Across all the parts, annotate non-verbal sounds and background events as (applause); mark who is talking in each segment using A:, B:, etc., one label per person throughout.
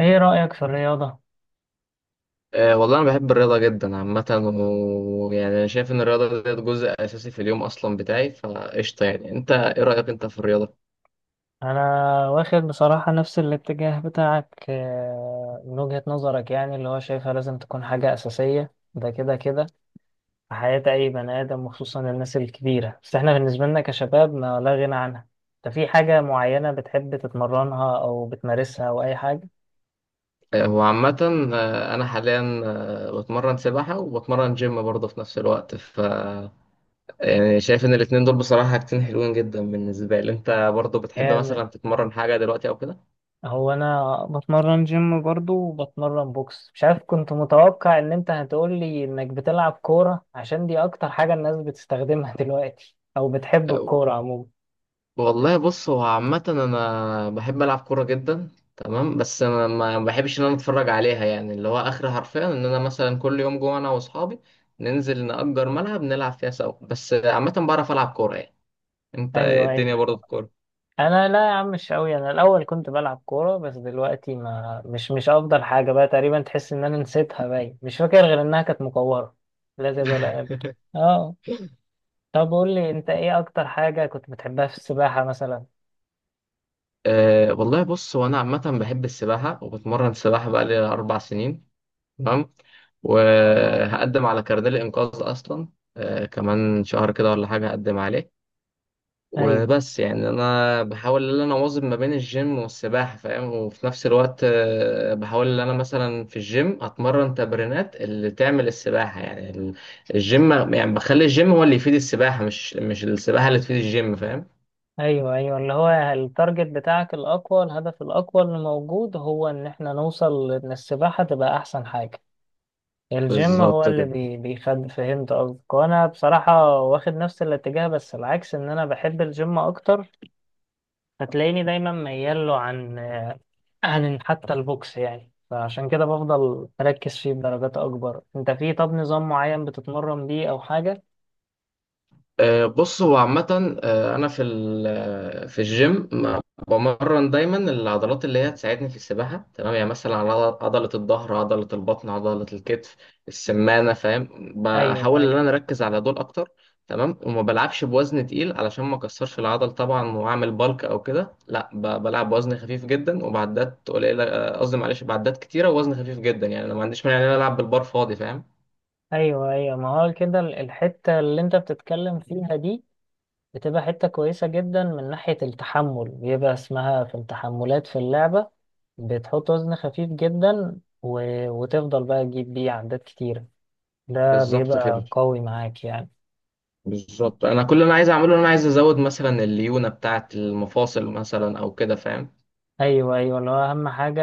A: ايه رأيك في الرياضة؟
B: أه والله، أنا بحب الرياضة جدا عامة، ويعني أنا شايف إن الرياضة ديت جزء أساسي في اليوم أصلا بتاعي، فقشطة. يعني أنت إيه رأيك أنت في الرياضة؟
A: انا واخد بصراحة نفس الاتجاه بتاعك من وجهة نظرك يعني اللي هو شايفها لازم تكون حاجة أساسية ده كده في حياة اي بني آدم وخصوصا الناس الكبيرة، بس احنا بالنسبة لنا كشباب ما لا غنى عنها. انت في حاجة معينة بتحب تتمرنها او بتمارسها او اي حاجة؟
B: أه هو عامة، أنا حاليا بتمرن سباحة وبتمرن جيم برضه في نفس الوقت يعني شايف إن الاتنين دول بصراحة حاجتين حلوين جدا بالنسبة لي. أنت برضه بتحب
A: جامد.
B: مثلا تتمرن حاجة دلوقتي أو كده؟
A: هو انا بتمرن جيم برضو وبتمرن بوكس، مش عارف كنت متوقع ان انت هتقول لي انك بتلعب كورة عشان دي اكتر حاجة الناس بتستخدمها (laughs) دلوقتي او بتحب الكورة عموما.
B: والله بص، هو عامة أنا بحب ألعب كورة جدا. تمام. بس أنا ما بحبش إن أنا أتفرج عليها، يعني اللي هو آخر حرفيا إن أنا مثلا كل يوم جوه، أنا وأصحابي ننزل نأجر ملعب نلعب فيها سوا. بس عامة بعرف ألعب كورة يعني. أنت إيه
A: ايوه ايوه،
B: الدنيا برضه في كورة؟
A: انا لا يا عم مش قوي، انا الاول كنت بلعب كورة بس دلوقتي ما مش افضل حاجة بقى، تقريبا تحس ان انا نسيتها، باين مش فاكر غير انها كانت مكورة، لا زيادة ولا أقل.
B: (laughs)
A: اه، طب قول لي انت ايه اكتر حاجة كنت بتحبها في السباحة مثلا.
B: أه والله بص، هو أنا عامة بحب السباحة، وبتمرن سباحة بقالي 4 سنين. تمام.
A: الله.
B: وهقدم على كارنيه الإنقاذ أصلا، أه كمان شهر كده ولا حاجة هقدم عليه.
A: ايوه،
B: وبس، يعني انا بحاول ان انا اواظب ما بين الجيم والسباحه، فاهم. وفي نفس الوقت بحاول ان انا مثلا في الجيم اتمرن تمرينات اللي تعمل السباحه. يعني الجيم، يعني بخلي الجيم هو اللي يفيد السباحه، مش السباحه اللي تفيد الجيم. فاهم.
A: ايوه اللي هو التارجت بتاعك الاقوى، الهدف الاقوى اللي موجود هو ان احنا نوصل ان السباحه تبقى احسن حاجه. الجيم هو
B: بالظبط
A: اللي
B: كده.
A: بيخد، فهمت قصدك. وانا بصراحه واخد نفس الاتجاه بس العكس، ان انا بحب الجيم اكتر، فتلاقيني دايما ميال له عن حتى البوكس يعني، فعشان كده بفضل مركز فيه بدرجات اكبر. انت في، طب نظام معين بتتمرن بيه او حاجه؟
B: بص هو عامة، أنا في في الجيم بمرن دايما العضلات اللي هي تساعدني في السباحة. تمام، يعني مثلا على عضلة الظهر، عضلة البطن، عضلة الكتف، السمانة. فاهم.
A: ايوه
B: بحاول
A: ايوه،
B: إن أنا أركز على دول أكتر. تمام. وما بلعبش بوزن تقيل علشان ما أكسرش العضل طبعا وأعمل بالك أو كده، لا، بلعب بوزن خفيف جدا وبعدات قليلة. قصدي معلش، بعدات كتيرة ووزن خفيف جدا. يعني أنا ما عنديش مانع إن أنا ألعب بالبار فاضي. فاهم.
A: ايوه ما هو كده، الحته اللي انت بتتكلم فيها دي بتبقى حتة كويسة جدا من ناحية التحمل، بيبقى اسمها في التحملات في اللعبة، بتحط وزن خفيف جدا وتفضل بقى تجيب بيه عدات كتيرة، ده
B: بالظبط كده.
A: بيبقى قوي معاك يعني.
B: بالظبط، انا كل اللي انا عايز اعمله ان انا عايز ازود مثلا الليونه بتاعه المفاصل مثلا او كده. فاهم.
A: أيوة أيوة، اللي هو أهم حاجة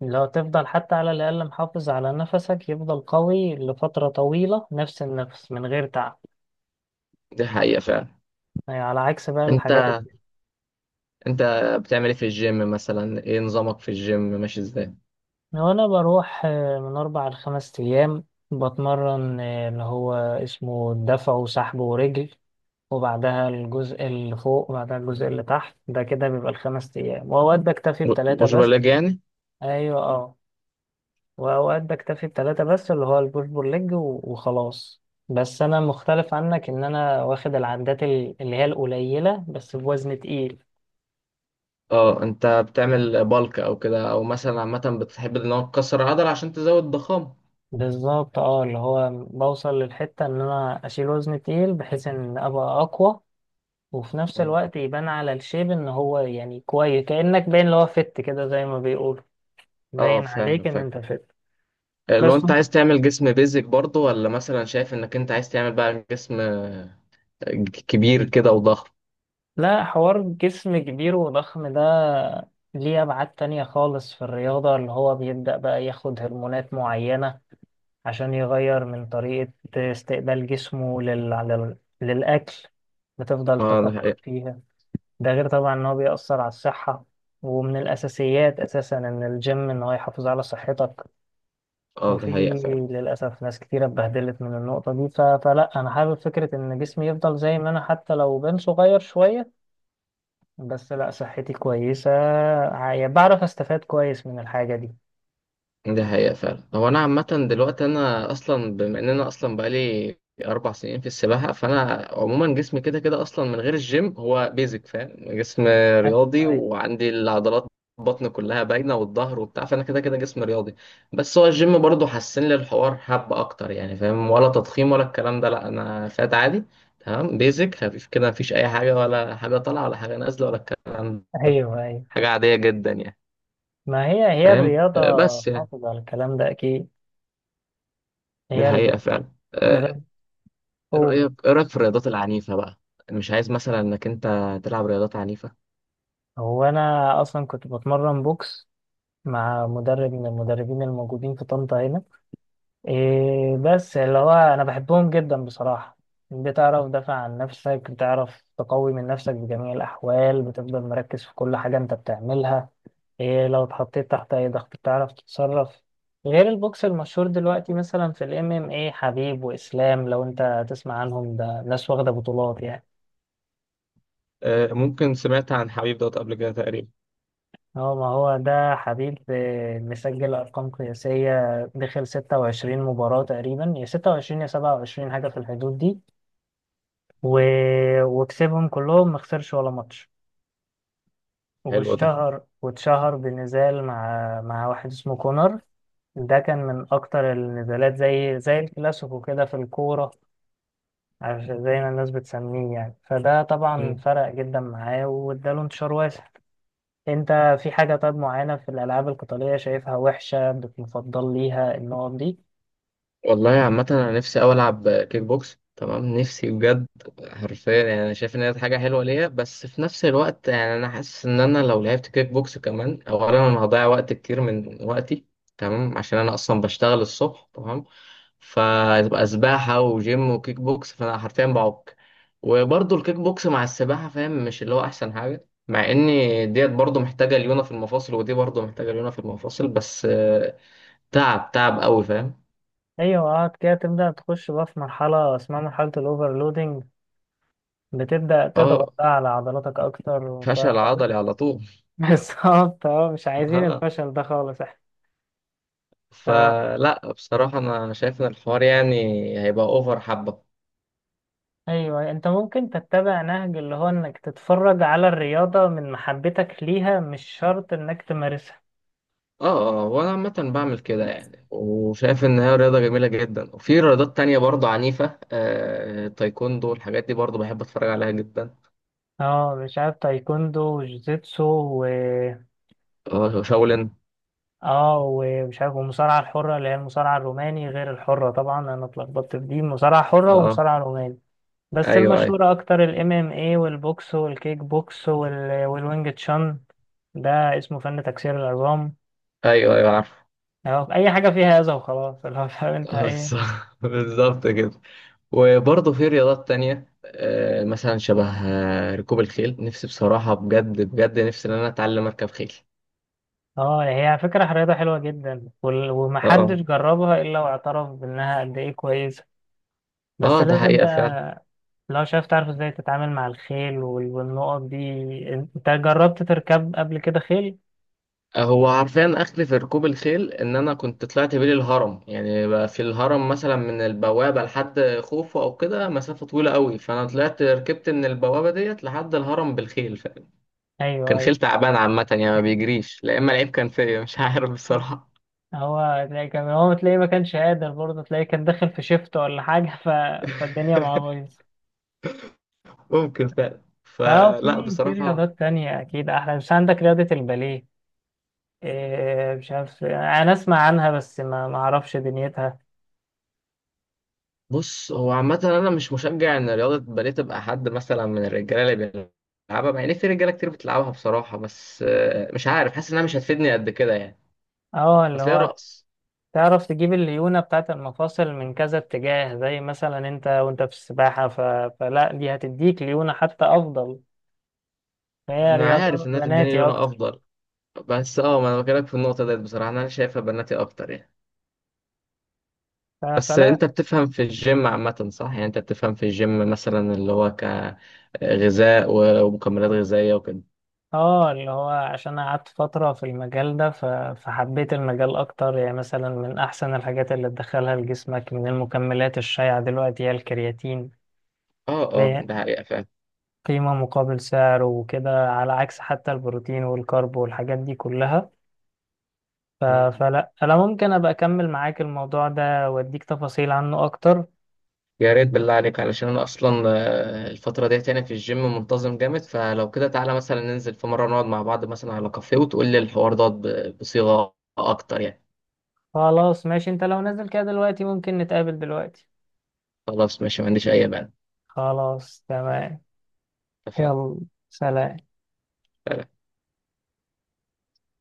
A: لو تفضل حتى على الأقل محافظ على نفسك، يفضل قوي لفترة طويلة، نفس النفس من غير تعب،
B: دي حقيقه فعلا.
A: يعني على عكس بقى
B: انت
A: الحاجات التانية.
B: انت بتعمل ايه في الجيم مثلا؟ ايه نظامك في الجيم ماشي ازاي؟
A: وأنا بروح من أربع لخمس أيام، بتمرن اللي هو اسمه دفع وسحب ورجل، وبعدها الجزء اللي فوق وبعدها الجزء اللي تحت، ده كده بيبقى الخمس أيام، وأوقات بكتفي بتلاتة
B: مش
A: بس.
B: بلاج يعني.
A: أيوة أه، وأوقات بكتفي بتلاتة بس، اللي هو البوش بول ليج وخلاص. بس أنا مختلف عنك، إن أنا واخد العدات اللي هي القليلة بس بوزن تقيل.
B: اه، انت بتعمل بالك او كده؟ او مثلا عامه بتحب ان هو تكسر العضله عشان تزود ضخامه؟
A: بالظبط أه، اللي هو بوصل للحتة إن أنا أشيل وزن تقيل بحيث إن أبقى أقوى، وفي نفس
B: اه.
A: الوقت يبان على الشيب إن هو يعني كويس، كأنك باين اللي هو فت كده زي ما بيقولوا، باين
B: فاهم
A: عليك إن
B: فاهم.
A: أنت فت.
B: لو
A: بس
B: انت عايز تعمل جسم بيزك برضه، ولا مثلا شايف انك انت عايز تعمل بقى جسم كبير كده وضخم؟
A: لا، حوار جسم كبير وضخم ده ليه أبعاد تانية خالص في الرياضة، اللي هو بيبدأ بقى ياخد هرمونات معينة عشان يغير من طريقة استقبال جسمه للأكل، بتفضل
B: اه ده
A: تكبر
B: حقيقه.
A: فيها. ده غير طبعا إن هو بيأثر على الصحة، ومن الأساسيات أساسا إن الجيم إن هو يحافظ على صحتك،
B: اه
A: وفي
B: ده حقيقه فعلا.
A: للأسف ناس كتيرة اتبهدلت من النقطة دي. فلا أنا حابب فكرة إن جسمي يفضل زي ما أنا، حتى لو بين صغير شوية بس لا صحتي كويسة، بعرف استفاد كويس من الحاجة دي.
B: ده حقيقة فعلا، هو أنا عامة دلوقتي، أنا أصلا بما إن أنا أصلا بقالي 4 سنين في السباحة، فأنا عموما جسمي كده كده أصلا من غير الجيم هو بيزك. فاهم. جسم
A: ايوه
B: رياضي
A: ايوه،
B: وعندي العضلات، بطن كلها باينة والظهر وبتاع، فأنا كده كده جسم رياضي. بس هو الجيم برضه حسن لي الحوار حبة أكتر يعني، فاهم، ولا تضخيم ولا الكلام ده، لأ، أنا فات عادي. تمام، بيزك خفيف كده، مفيش أي حاجة، ولا حاجة طالعة ولا حاجة نازلة ولا الكلام ده.
A: ايوه
B: حاجة عادية جدا يعني.
A: ما هي هي
B: فاهم.
A: الرياضة،
B: بس يعني
A: حافظ على الكلام ده اكيد،
B: دي
A: هي اللي
B: حقيقة فعلا.
A: مدرب،
B: ايه
A: قول.
B: رأيك ايه رأيك في الرياضات العنيفة بقى؟ أنا مش عايز مثلا انك انت تلعب رياضات عنيفة.
A: هو انا اصلا كنت بتمرن بوكس مع مدرب من المدربين الموجودين في طنطا هنا، إيه بس اللي هو انا بحبهم جدا بصراحة، بتعرف دافع عن نفسك، بتعرف تقوي من نفسك بجميع الاحوال، بتفضل مركز في كل حاجة انت بتعملها، إيه لو اتحطيت تحت اي ضغط بتعرف تتصرف، غير البوكس المشهور دلوقتي مثلا في الام ام اي، حبيب واسلام لو انت تسمع عنهم، ده ناس واخدة بطولات يعني.
B: ممكن سمعت عن حبيب دوت قبل كده تقريبا.
A: هو ما هو ده حبيب، مسجل أرقام قياسية، دخل 26 مباراة تقريبا، يا 26 يا 27 حاجة في الحدود دي، و... وكسبهم كلهم ما خسرش ولا ماتش،
B: حلو ده.
A: واشتهر واتشهر بنزال مع واحد اسمه كونر، ده كان من أكتر النزالات زي الكلاسيكو كده في الكورة، زي ما الناس بتسميه يعني، فده طبعا
B: مم.
A: فرق جدا معاه واداله انتشار واسع. انت في حاجة طيب معينة في الألعاب القتالية شايفها وحشة بتفضل ليها النقط دي؟
B: والله عامة، انا نفسي اوي العب كيك بوكس. تمام، نفسي بجد. حرفيا يعني انا شايف ان هي حاجة حلوة ليا، بس في نفس الوقت يعني انا حاسس ان انا لو لعبت كيك بوكس كمان، اولا انا هضيع وقت كتير من وقتي. تمام، عشان انا اصلا بشتغل الصبح. تمام، فتبقى سباحة وجيم وكيك بوكس، فأنا حرفيا بعك. وبرضه الكيك بوكس مع السباحة، فاهم، مش اللي هو أحسن حاجة، مع إن ديت برضه محتاجة ليونة في المفاصل ودي برضه محتاجة ليونة في المفاصل، بس تعب تعب قوي. فاهم.
A: أيوة، قعد كده تبدأ تخش بقى في مرحلة اسمها مرحلة الأوفرلودنج، بتبدأ تضغط
B: اه،
A: بقى على عضلاتك أكتر ومش عارف
B: فشل
A: إيه.
B: عضلي على طول.
A: (laughs) بالظبط اه، مش عايزين
B: (laughs) اه،
A: الفشل ده خالص احنا. ف...
B: فلا بصراحة أنا شايف إن الحوار يعني هيبقى أوفر حبة.
A: أيوه، أنت ممكن تتبع نهج اللي هو إنك تتفرج على الرياضة من محبتك ليها، مش شرط إنك تمارسها.
B: اه اه، وانا عامة بعمل كده يعني، وشايف ان هي رياضة جميلة جدا. وفي رياضات تانية برضه عنيفة، تايكوندو، الحاجات دي برضه بحب اتفرج عليها جدا.
A: اه مش عارف، تايكوندو وجوجيتسو و...
B: اه شاولين.
A: اه، ومش عارف والمصارعة الحرة اللي هي المصارعة الروماني غير الحرة طبعا، أنا اتلخبطت في دي مصارعة حرة
B: اه
A: ومصارعة روماني، بس
B: ايوه ايوه.
A: المشهورة أكتر ال MMA والبوكس والكيك بوكس والوينج تشان، ده اسمه فن تكسير العظام،
B: ايوه ايوه عارف.
A: أهو أي حاجة فيها أذى وخلاص. (laughs) اللي هو فاهم أنت
B: آه،
A: إيه.
B: بالظ- (laughs) بالظبط كده. وبرضه في رياضات تانية، مثلا شبه ركوب الخيل، نفسي بصراحة، بجد بجد نفسي ان انا اتعلم اركب خيل.
A: اه هي فكرة رياضة حلوة جدا ومحدش
B: اه
A: جربها إلا واعترف بإنها قد إيه كويسة،
B: اه.
A: بس
B: ده
A: لازم
B: حقيقة فعلا.
A: بقى لو شايف تعرف إزاي تتعامل مع الخيل والنقط دي. أنت جربت تركب قبل كده خيل؟
B: هو عارفين، اخلي في ركوب الخيل ان انا كنت طلعت بيه الهرم، يعني بقى في الهرم مثلا من البوابه لحد خوفو او كده، مسافه طويله قوي، فانا طلعت ركبت من البوابه ديت لحد الهرم بالخيل
A: أيوه
B: كان خيل
A: أيوه،
B: تعبان عامه، يعني ما بيجريش. لا اما العيب كان فيا مش عارف بصراحه.
A: هو تلاقي كان، هو تلاقيه ما كانش قادر برضه، تلاقيه كان داخل في شيفت ولا حاجة، فالدنيا معاه
B: (laughs)
A: بايظة.
B: ممكن فعلا.
A: فهو
B: فلا
A: في
B: بصراحه،
A: رياضات تانية أكيد أحلى، مش عندك رياضة الباليه، إيه مش عارف أنا أسمع عنها بس ما أعرفش دنيتها.
B: بص هو عامه، انا مش مشجع ان رياضه باليه تبقى حد مثلا من الرجاله اللي بيلعبها، مع ان في رجاله كتير بتلعبها بصراحه، بس مش عارف، حاسس انها مش هتفيدني قد كده يعني،
A: أه اللي
B: اصل هي
A: هو
B: رقص.
A: تعرف تجيب الليونة بتاعة المفاصل من كذا اتجاه زي مثلا أنت، وأنت في السباحة ف... فلا دي هتديك ليونة حتى أفضل، فهي
B: انا عارف
A: رياضة
B: انها تديني
A: بناتي
B: لونها
A: أكتر.
B: افضل، بس اه، ما انا بكلمك في النقطه ديت، بصراحه انا شايفها بناتي اكتر يعني. بس
A: فلا
B: انت بتفهم في الجيم عامه صح؟ يعني انت بتفهم في الجيم مثلا اللي هو كغذاء ومكملات غذائيه وكده.
A: اه، اللي هو عشان قعدت فترة في المجال ده، فحبيت المجال أكتر يعني. مثلا من أحسن الحاجات اللي تدخلها لجسمك من المكملات الشائعة دلوقتي هي الكرياتين،
B: اه
A: اللي
B: اه،
A: هي
B: ده حقيقه فعلا.
A: قيمة مقابل سعر وكده، على عكس حتى البروتين والكارب والحاجات دي كلها. ف-
B: مم.
A: فلا أنا ممكن أبقى أكمل معاك الموضوع ده وأديك تفاصيل عنه أكتر.
B: يا ريت بالله عليك، علشان انا اصلا الفتره ديت يعني في الجيم منتظم جامد، فلو كده تعالى مثلا ننزل في مره نقعد مع بعض مثلا على كافيه، وتقول لي الحوار دوت بصيغه اكتر يعني.
A: خلاص ماشي، أنت لو نازل كده دلوقتي ممكن نتقابل دلوقتي.
B: خلاص ماشي، ما عنديش اي مانع.
A: خلاص تمام،
B: اتفقنا.
A: يلا، سلام.